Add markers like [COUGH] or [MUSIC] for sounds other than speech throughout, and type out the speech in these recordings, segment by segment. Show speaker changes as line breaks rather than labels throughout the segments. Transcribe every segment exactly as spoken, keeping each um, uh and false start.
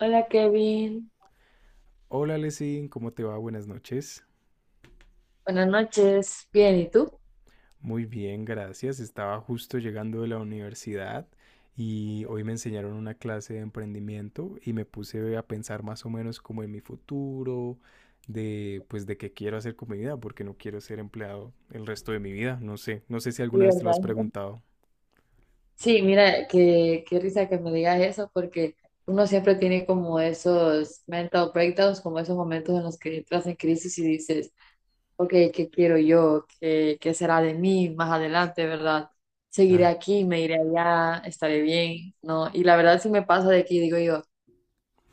Hola Kevin,
Hola Lesin, ¿cómo te va? Buenas noches.
buenas noches, bien, ¿y tú?
Muy bien, gracias. Estaba justo llegando de la universidad y hoy me enseñaron una clase de emprendimiento y me puse a pensar más o menos como en mi futuro, de pues de qué quiero hacer con mi vida, porque no quiero ser empleado el resto de mi vida. No sé, no sé si
Sí,
alguna vez te lo has
¿verdad?
preguntado.
Sí, mira, qué, qué risa que me digas eso porque uno siempre tiene como esos mental breakdowns, como esos momentos en los que entras en crisis y dices, ok, ¿qué quiero yo? ¿Qué, qué será de mí más adelante, verdad? ¿Seguiré
Ay,
aquí? ¿Me iré allá? ¿Estaré bien? ¿No? Y la verdad sí me pasa de que digo yo.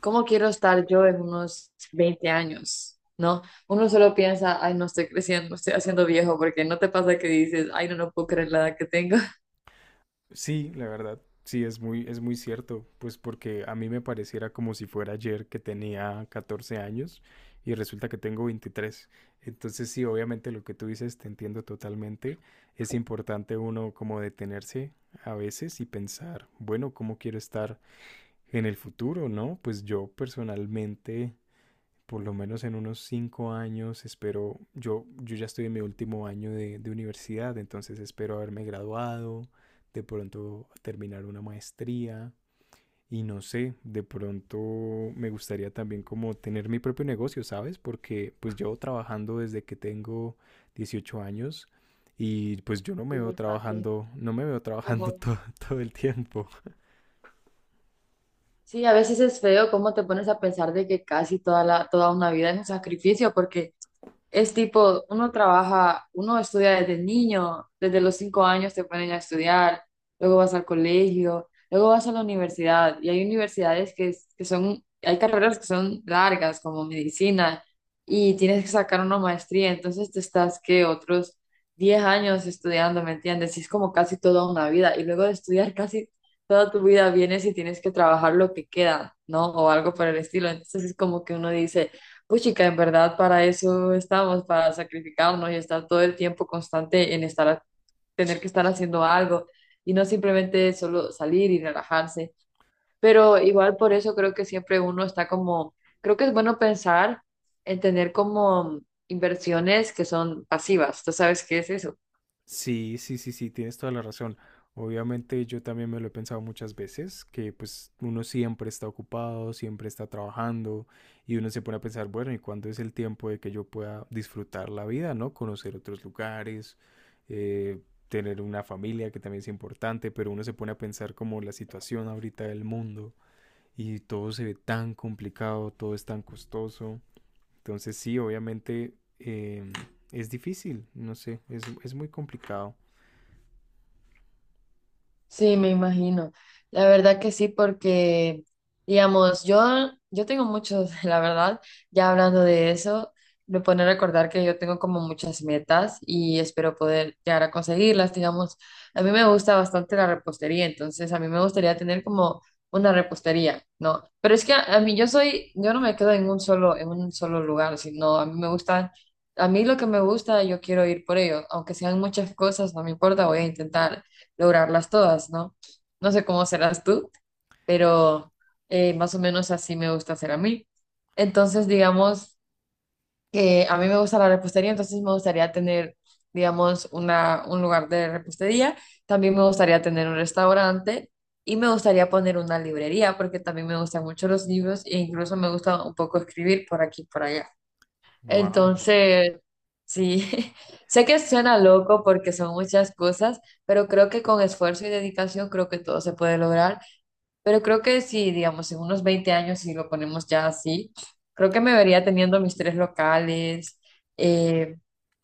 ¿Cómo quiero estar yo en unos veinte años? ¿No? Uno solo piensa, ay, no estoy creciendo, estoy haciendo viejo, porque no te pasa que dices, ay, no, no puedo creer la edad que tengo.
sí, la verdad, sí, es muy, es muy cierto, pues porque a mí me pareciera como si fuera ayer que tenía catorce años y resulta que tengo veintitrés. Entonces sí, obviamente lo que tú dices te entiendo totalmente. Es importante uno como detenerse a veces y pensar, bueno, ¿cómo quiero estar en el futuro, no? Pues yo personalmente por lo menos en unos cinco años, espero, yo, yo ya estoy en mi último año de, de universidad, entonces espero haberme graduado, de pronto terminar una maestría y no sé, de pronto me gustaría también como tener mi propio negocio, ¿sabes? Porque pues yo trabajando desde que tengo dieciocho años y pues yo no me
Sí,
veo
bastante.
trabajando, no me veo trabajando [LAUGHS]
Ujú.
todo, todo el tiempo.
Sí, a veces es feo cómo te pones a pensar de que casi toda la, toda una vida es un sacrificio, porque es tipo, uno trabaja, uno estudia desde niño, desde los cinco años te ponen a estudiar, luego vas al colegio, luego vas a la universidad, y hay universidades que, es- que son, hay carreras que son largas, como medicina, y tienes que sacar una maestría, entonces te estás, que otros diez años estudiando, ¿me entiendes? Y es como casi toda una vida, y luego de estudiar casi toda tu vida vienes y tienes que trabajar lo que queda, ¿no? O algo por el estilo, entonces es como que uno dice uy, chica, en verdad para eso estamos, para sacrificarnos y estar todo el tiempo constante en estar, tener que estar haciendo algo y no simplemente solo salir y relajarse. Pero igual por eso creo que siempre uno está como, creo que es bueno pensar en tener como inversiones que son pasivas. ¿Tú sabes qué es eso?
Sí, sí, sí, sí, tienes toda la razón. Obviamente yo también me lo he pensado muchas veces, que pues uno siempre está ocupado, siempre está trabajando y uno se pone a pensar, bueno, ¿y cuándo es el tiempo de que yo pueda disfrutar la vida, no? Conocer otros lugares, eh, tener una familia que también es importante, pero uno se pone a pensar como la situación ahorita del mundo y todo se ve tan complicado, todo es tan costoso. Entonces sí, obviamente em, es difícil, no sé, es, es muy complicado.
Sí, me imagino. La verdad que sí, porque, digamos, yo, yo tengo muchos, [LAUGHS] la verdad, ya hablando de eso, me pone a recordar que yo tengo como muchas metas y espero poder llegar a conseguirlas, digamos. A mí me gusta bastante la repostería, entonces a mí me gustaría tener como una repostería, ¿no? Pero es que a, a mí yo soy, yo no me quedo en un solo, en un solo lugar, sino a mí me gusta, a mí lo que me gusta, yo quiero ir por ello, aunque sean muchas cosas, no me importa, voy a intentar lograrlas todas, ¿no? No sé cómo serás tú, pero eh, más o menos así me gusta hacer a mí. Entonces, digamos que a mí me gusta la repostería, entonces me gustaría tener, digamos, una, un lugar de repostería. También me gustaría tener un restaurante y me gustaría poner una librería porque también me gustan mucho los libros e incluso me gusta un poco escribir por aquí y por allá.
Wow.
Entonces, sí, [LAUGHS] sé que suena loco porque son muchas cosas, pero creo que con esfuerzo y dedicación creo que todo se puede lograr. Pero creo que si, digamos, en unos veinte años, si lo ponemos ya así, creo que me vería teniendo mis tres locales, eh,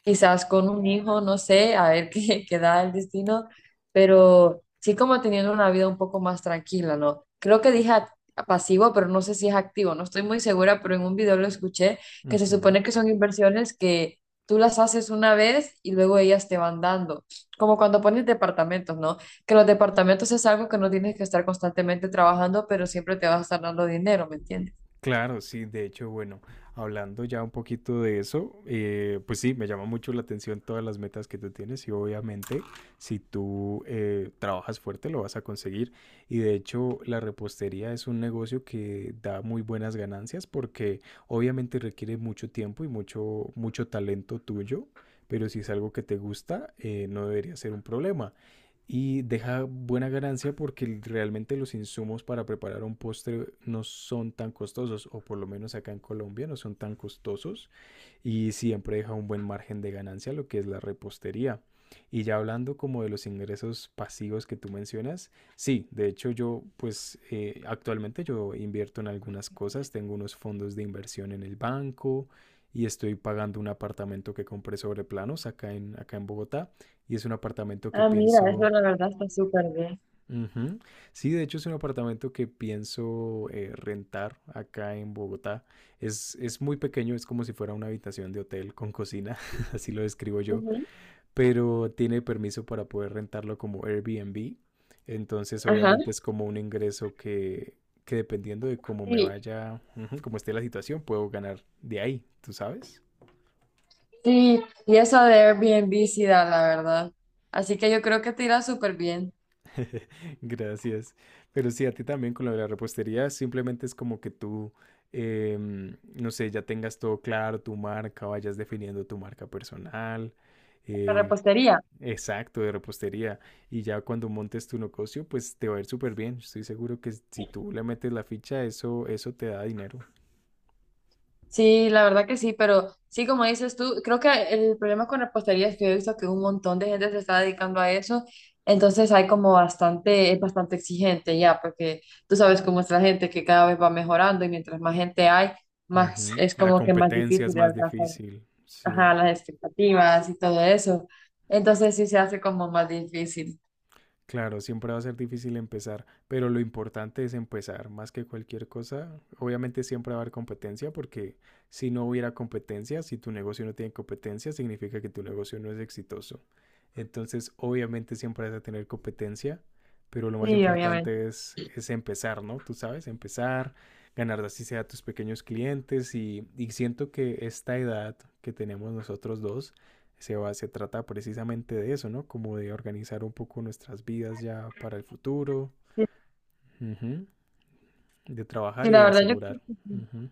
quizás con un hijo, no sé, a ver [LAUGHS] qué, qué da el destino, pero sí como teniendo una vida un poco más tranquila, ¿no? Creo que dije act- pasivo, pero no sé si es activo, no estoy muy segura, pero en un video lo escuché, que se
Ujú.
supone que son inversiones que tú las haces una vez y luego ellas te van dando, como cuando pones departamentos, ¿no? que los departamentos es algo que no tienes que estar constantemente trabajando, pero siempre te vas a estar dando dinero, ¿me entiendes?
Claro, sí, de hecho, bueno, hablando ya un poquito de eso, eh, pues sí, me llama mucho la atención todas las metas que tú tienes y obviamente si tú eh, trabajas fuerte lo vas a conseguir. Y de hecho, la repostería es un negocio que da muy buenas ganancias porque obviamente requiere mucho tiempo y mucho, mucho talento tuyo, pero si es algo que te gusta, eh, no debería ser un problema. Y deja buena ganancia porque realmente los insumos para preparar un postre no son tan costosos, o por lo menos acá en Colombia no son tan costosos, y siempre deja un buen margen de ganancia lo que es la repostería. Y ya hablando como de los ingresos pasivos que tú mencionas, sí, de hecho yo pues eh, actualmente yo invierto en algunas cosas, tengo unos fondos de inversión en el banco y estoy pagando un apartamento que compré sobre planos acá en, acá en Bogotá y es un apartamento que
Ah, mira, eso
pienso.
la verdad está súper bien.
Ujú. Sí, de hecho es un apartamento que pienso eh, rentar acá en Bogotá. Es, es muy pequeño, es como si fuera una habitación de hotel con cocina, [LAUGHS] así lo describo yo,
Ujú.
pero tiene permiso para poder rentarlo como Airbnb. Entonces,
Ajá.
obviamente es como un ingreso que, que dependiendo de cómo me
Sí,
vaya, ujú, cómo esté la situación, puedo ganar de ahí, ¿tú sabes?
sí, y eso de Airbnb sí da, la verdad. Así que yo creo que te irá súper bien.
[LAUGHS] Gracias. Pero sí, a ti también con lo de la repostería, simplemente es como que tú, em, no sé, ya tengas todo claro, tu marca, vayas definiendo tu marca personal,
La
eh,
repostería.
exacto, de repostería. Y ya cuando montes tu negocio, pues te va a ir súper bien. Estoy seguro que si tú le metes la ficha, eso, eso te da dinero.
Sí, la verdad que sí, pero sí, como dices tú, creo que el problema con repostería es que he visto que un montón de gente se está dedicando a eso, entonces hay como bastante, es bastante exigente ya, porque tú sabes cómo es la gente que cada vez va mejorando y mientras más gente hay, más
Ujú.
es
La
como que más
competencia
difícil
es
de
más
alcanzar
difícil,
ajá,
sí.
las expectativas y todo eso, entonces sí se hace como más difícil.
Claro, siempre va a ser difícil empezar, pero lo importante es empezar, más que cualquier cosa. Obviamente siempre va a haber competencia, porque si no hubiera competencia, si tu negocio no tiene competencia, significa que tu negocio no es exitoso. Entonces, obviamente siempre vas a tener competencia, pero lo más
Sí, obviamente.
importante es, es empezar, ¿no? Tú sabes, empezar, ganar así sea a tus pequeños clientes y, y siento que esta edad que tenemos nosotros dos se, va, se trata precisamente de eso, ¿no? Como de organizar un poco nuestras vidas ya para el futuro,
Sí,
ujú, de trabajar
sí,
y
la
de
verdad yo creo
asegurar.
que sí.
Ujú.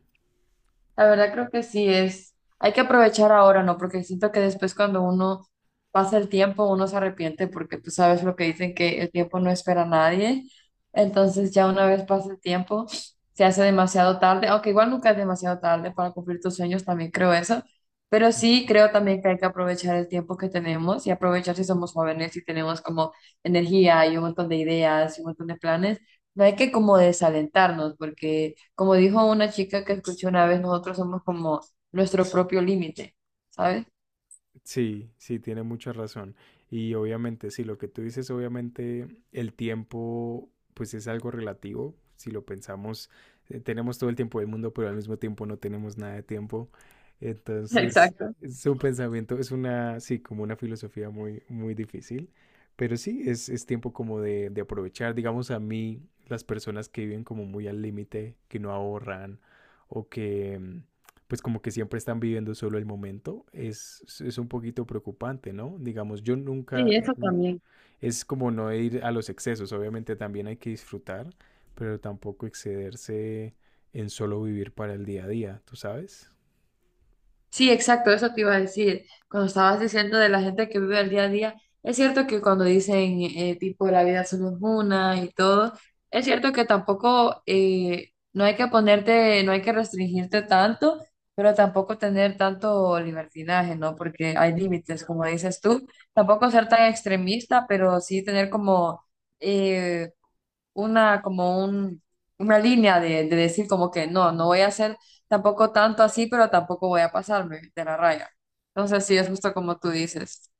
La verdad creo que sí es, hay que aprovechar ahora, ¿no? Porque siento que después cuando uno pasa el tiempo, uno se arrepiente porque tú sabes lo que dicen que el tiempo no espera a nadie. Entonces ya una vez pasa el tiempo, se hace demasiado tarde, aunque igual nunca es demasiado tarde para cumplir tus sueños, también creo eso. Pero sí creo también que hay que aprovechar el tiempo que tenemos y aprovechar si somos jóvenes y tenemos como energía y un montón de ideas y un montón de planes. No hay que como desalentarnos porque como dijo una chica que escuché una vez, nosotros somos como nuestro propio límite, ¿sabes?
Sí, sí, tiene mucha razón. Y obviamente, sí, lo que tú dices, obviamente el tiempo, pues es algo relativo. Si lo pensamos, eh, tenemos todo el tiempo del mundo, pero al mismo tiempo no tenemos nada de tiempo. Entonces,
Exacto.
es un pensamiento, es una, sí, como una filosofía muy, muy difícil. Pero sí, es, es tiempo como de, de aprovechar. Digamos, a mí, las personas que viven como muy al límite, que no ahorran o que, mm, pues como que siempre están viviendo solo el momento, es, es un poquito preocupante, ¿no? Digamos, yo nunca, es como no ir a los excesos, obviamente también hay que disfrutar, pero tampoco excederse en solo vivir para el día a día, ¿tú sabes?
Sí, exacto, eso te iba a decir. Cuando estabas diciendo de la gente que vive el día a día, es cierto que cuando dicen eh, tipo la vida solo es una y todo, es cierto que tampoco eh, no hay que ponerte, no hay que restringirte tanto, pero tampoco tener tanto libertinaje, ¿no? Porque hay límites, como dices tú. Tampoco ser tan extremista, pero sí tener como eh, una como un, una línea de, de decir como que no, no voy a hacer tampoco tanto así, pero tampoco voy a pasarme de la raya. Entonces sí, es justo como tú dices.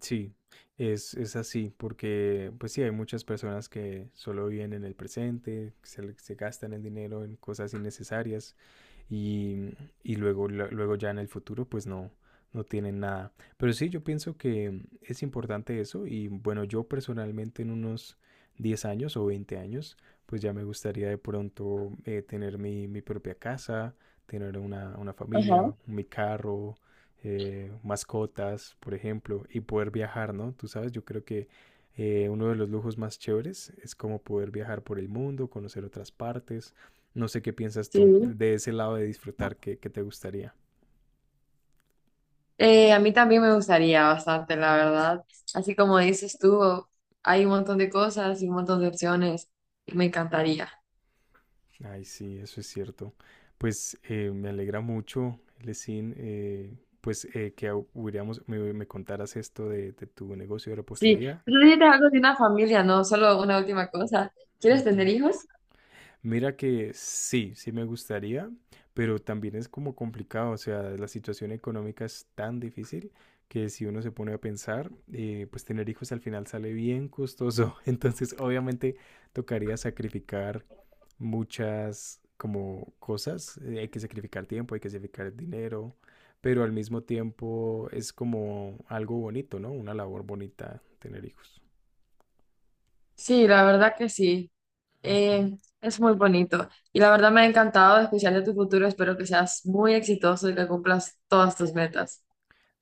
Sí, es, es así, porque pues sí, hay muchas personas que solo viven en el presente, que se, le- se gastan el dinero en cosas innecesarias y, y luego, la- luego ya en el futuro pues no, no tienen nada. Pero sí, yo pienso que es importante eso y bueno, yo personalmente en unos diez años o veinte años pues ya me gustaría de pronto eh, tener mi, mi propia casa, tener una, una familia, mi carro, eh, mascotas, por ejemplo, y poder viajar, ¿no? Tú sabes, yo creo que eh, uno de los lujos más chéveres es como poder viajar por el mundo, conocer otras partes. No sé qué piensas tú
Sí.
de ese lado de disfrutar, ¿qué, qué te gustaría?
Eh, a mí también me gustaría bastante, la verdad. Así como dices tú, hay un montón de cosas y un montón de opciones y me encantaría.
Ay, sí, eso es cierto. Pues eh, me alegra mucho, Lesin, eh, pues eh, que hubiéramos- me, me contaras esto de, de tu negocio de
Sí,
repostería.
tú necesitas algo de una familia, no solo una última cosa. ¿Quieres tener
Ujú.
hijos?
Mira que sí, sí me gustaría, pero también es como complicado, o sea, la situación económica es tan difícil que si uno se pone a pensar, eh, pues tener hijos al final sale bien costoso, [LAUGHS] entonces obviamente tocaría sacrificar muchas como cosas, eh, hay que sacrificar tiempo, hay que sacrificar dinero, pero al mismo tiempo es como algo bonito, ¿no? Una labor bonita tener hijos.
Sí, la verdad que sí.
Ujú.
Eh, es muy bonito y la verdad me ha encantado, especialmente tu futuro. Espero que seas muy exitoso y que cumplas todas tus metas.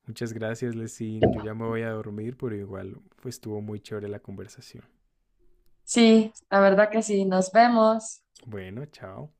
Muchas gracias, Lesin. Yo ya me voy a dormir, pero igual pues, estuvo muy chévere la conversación.
Sí, la verdad que sí. Nos vemos.
Bueno, chao.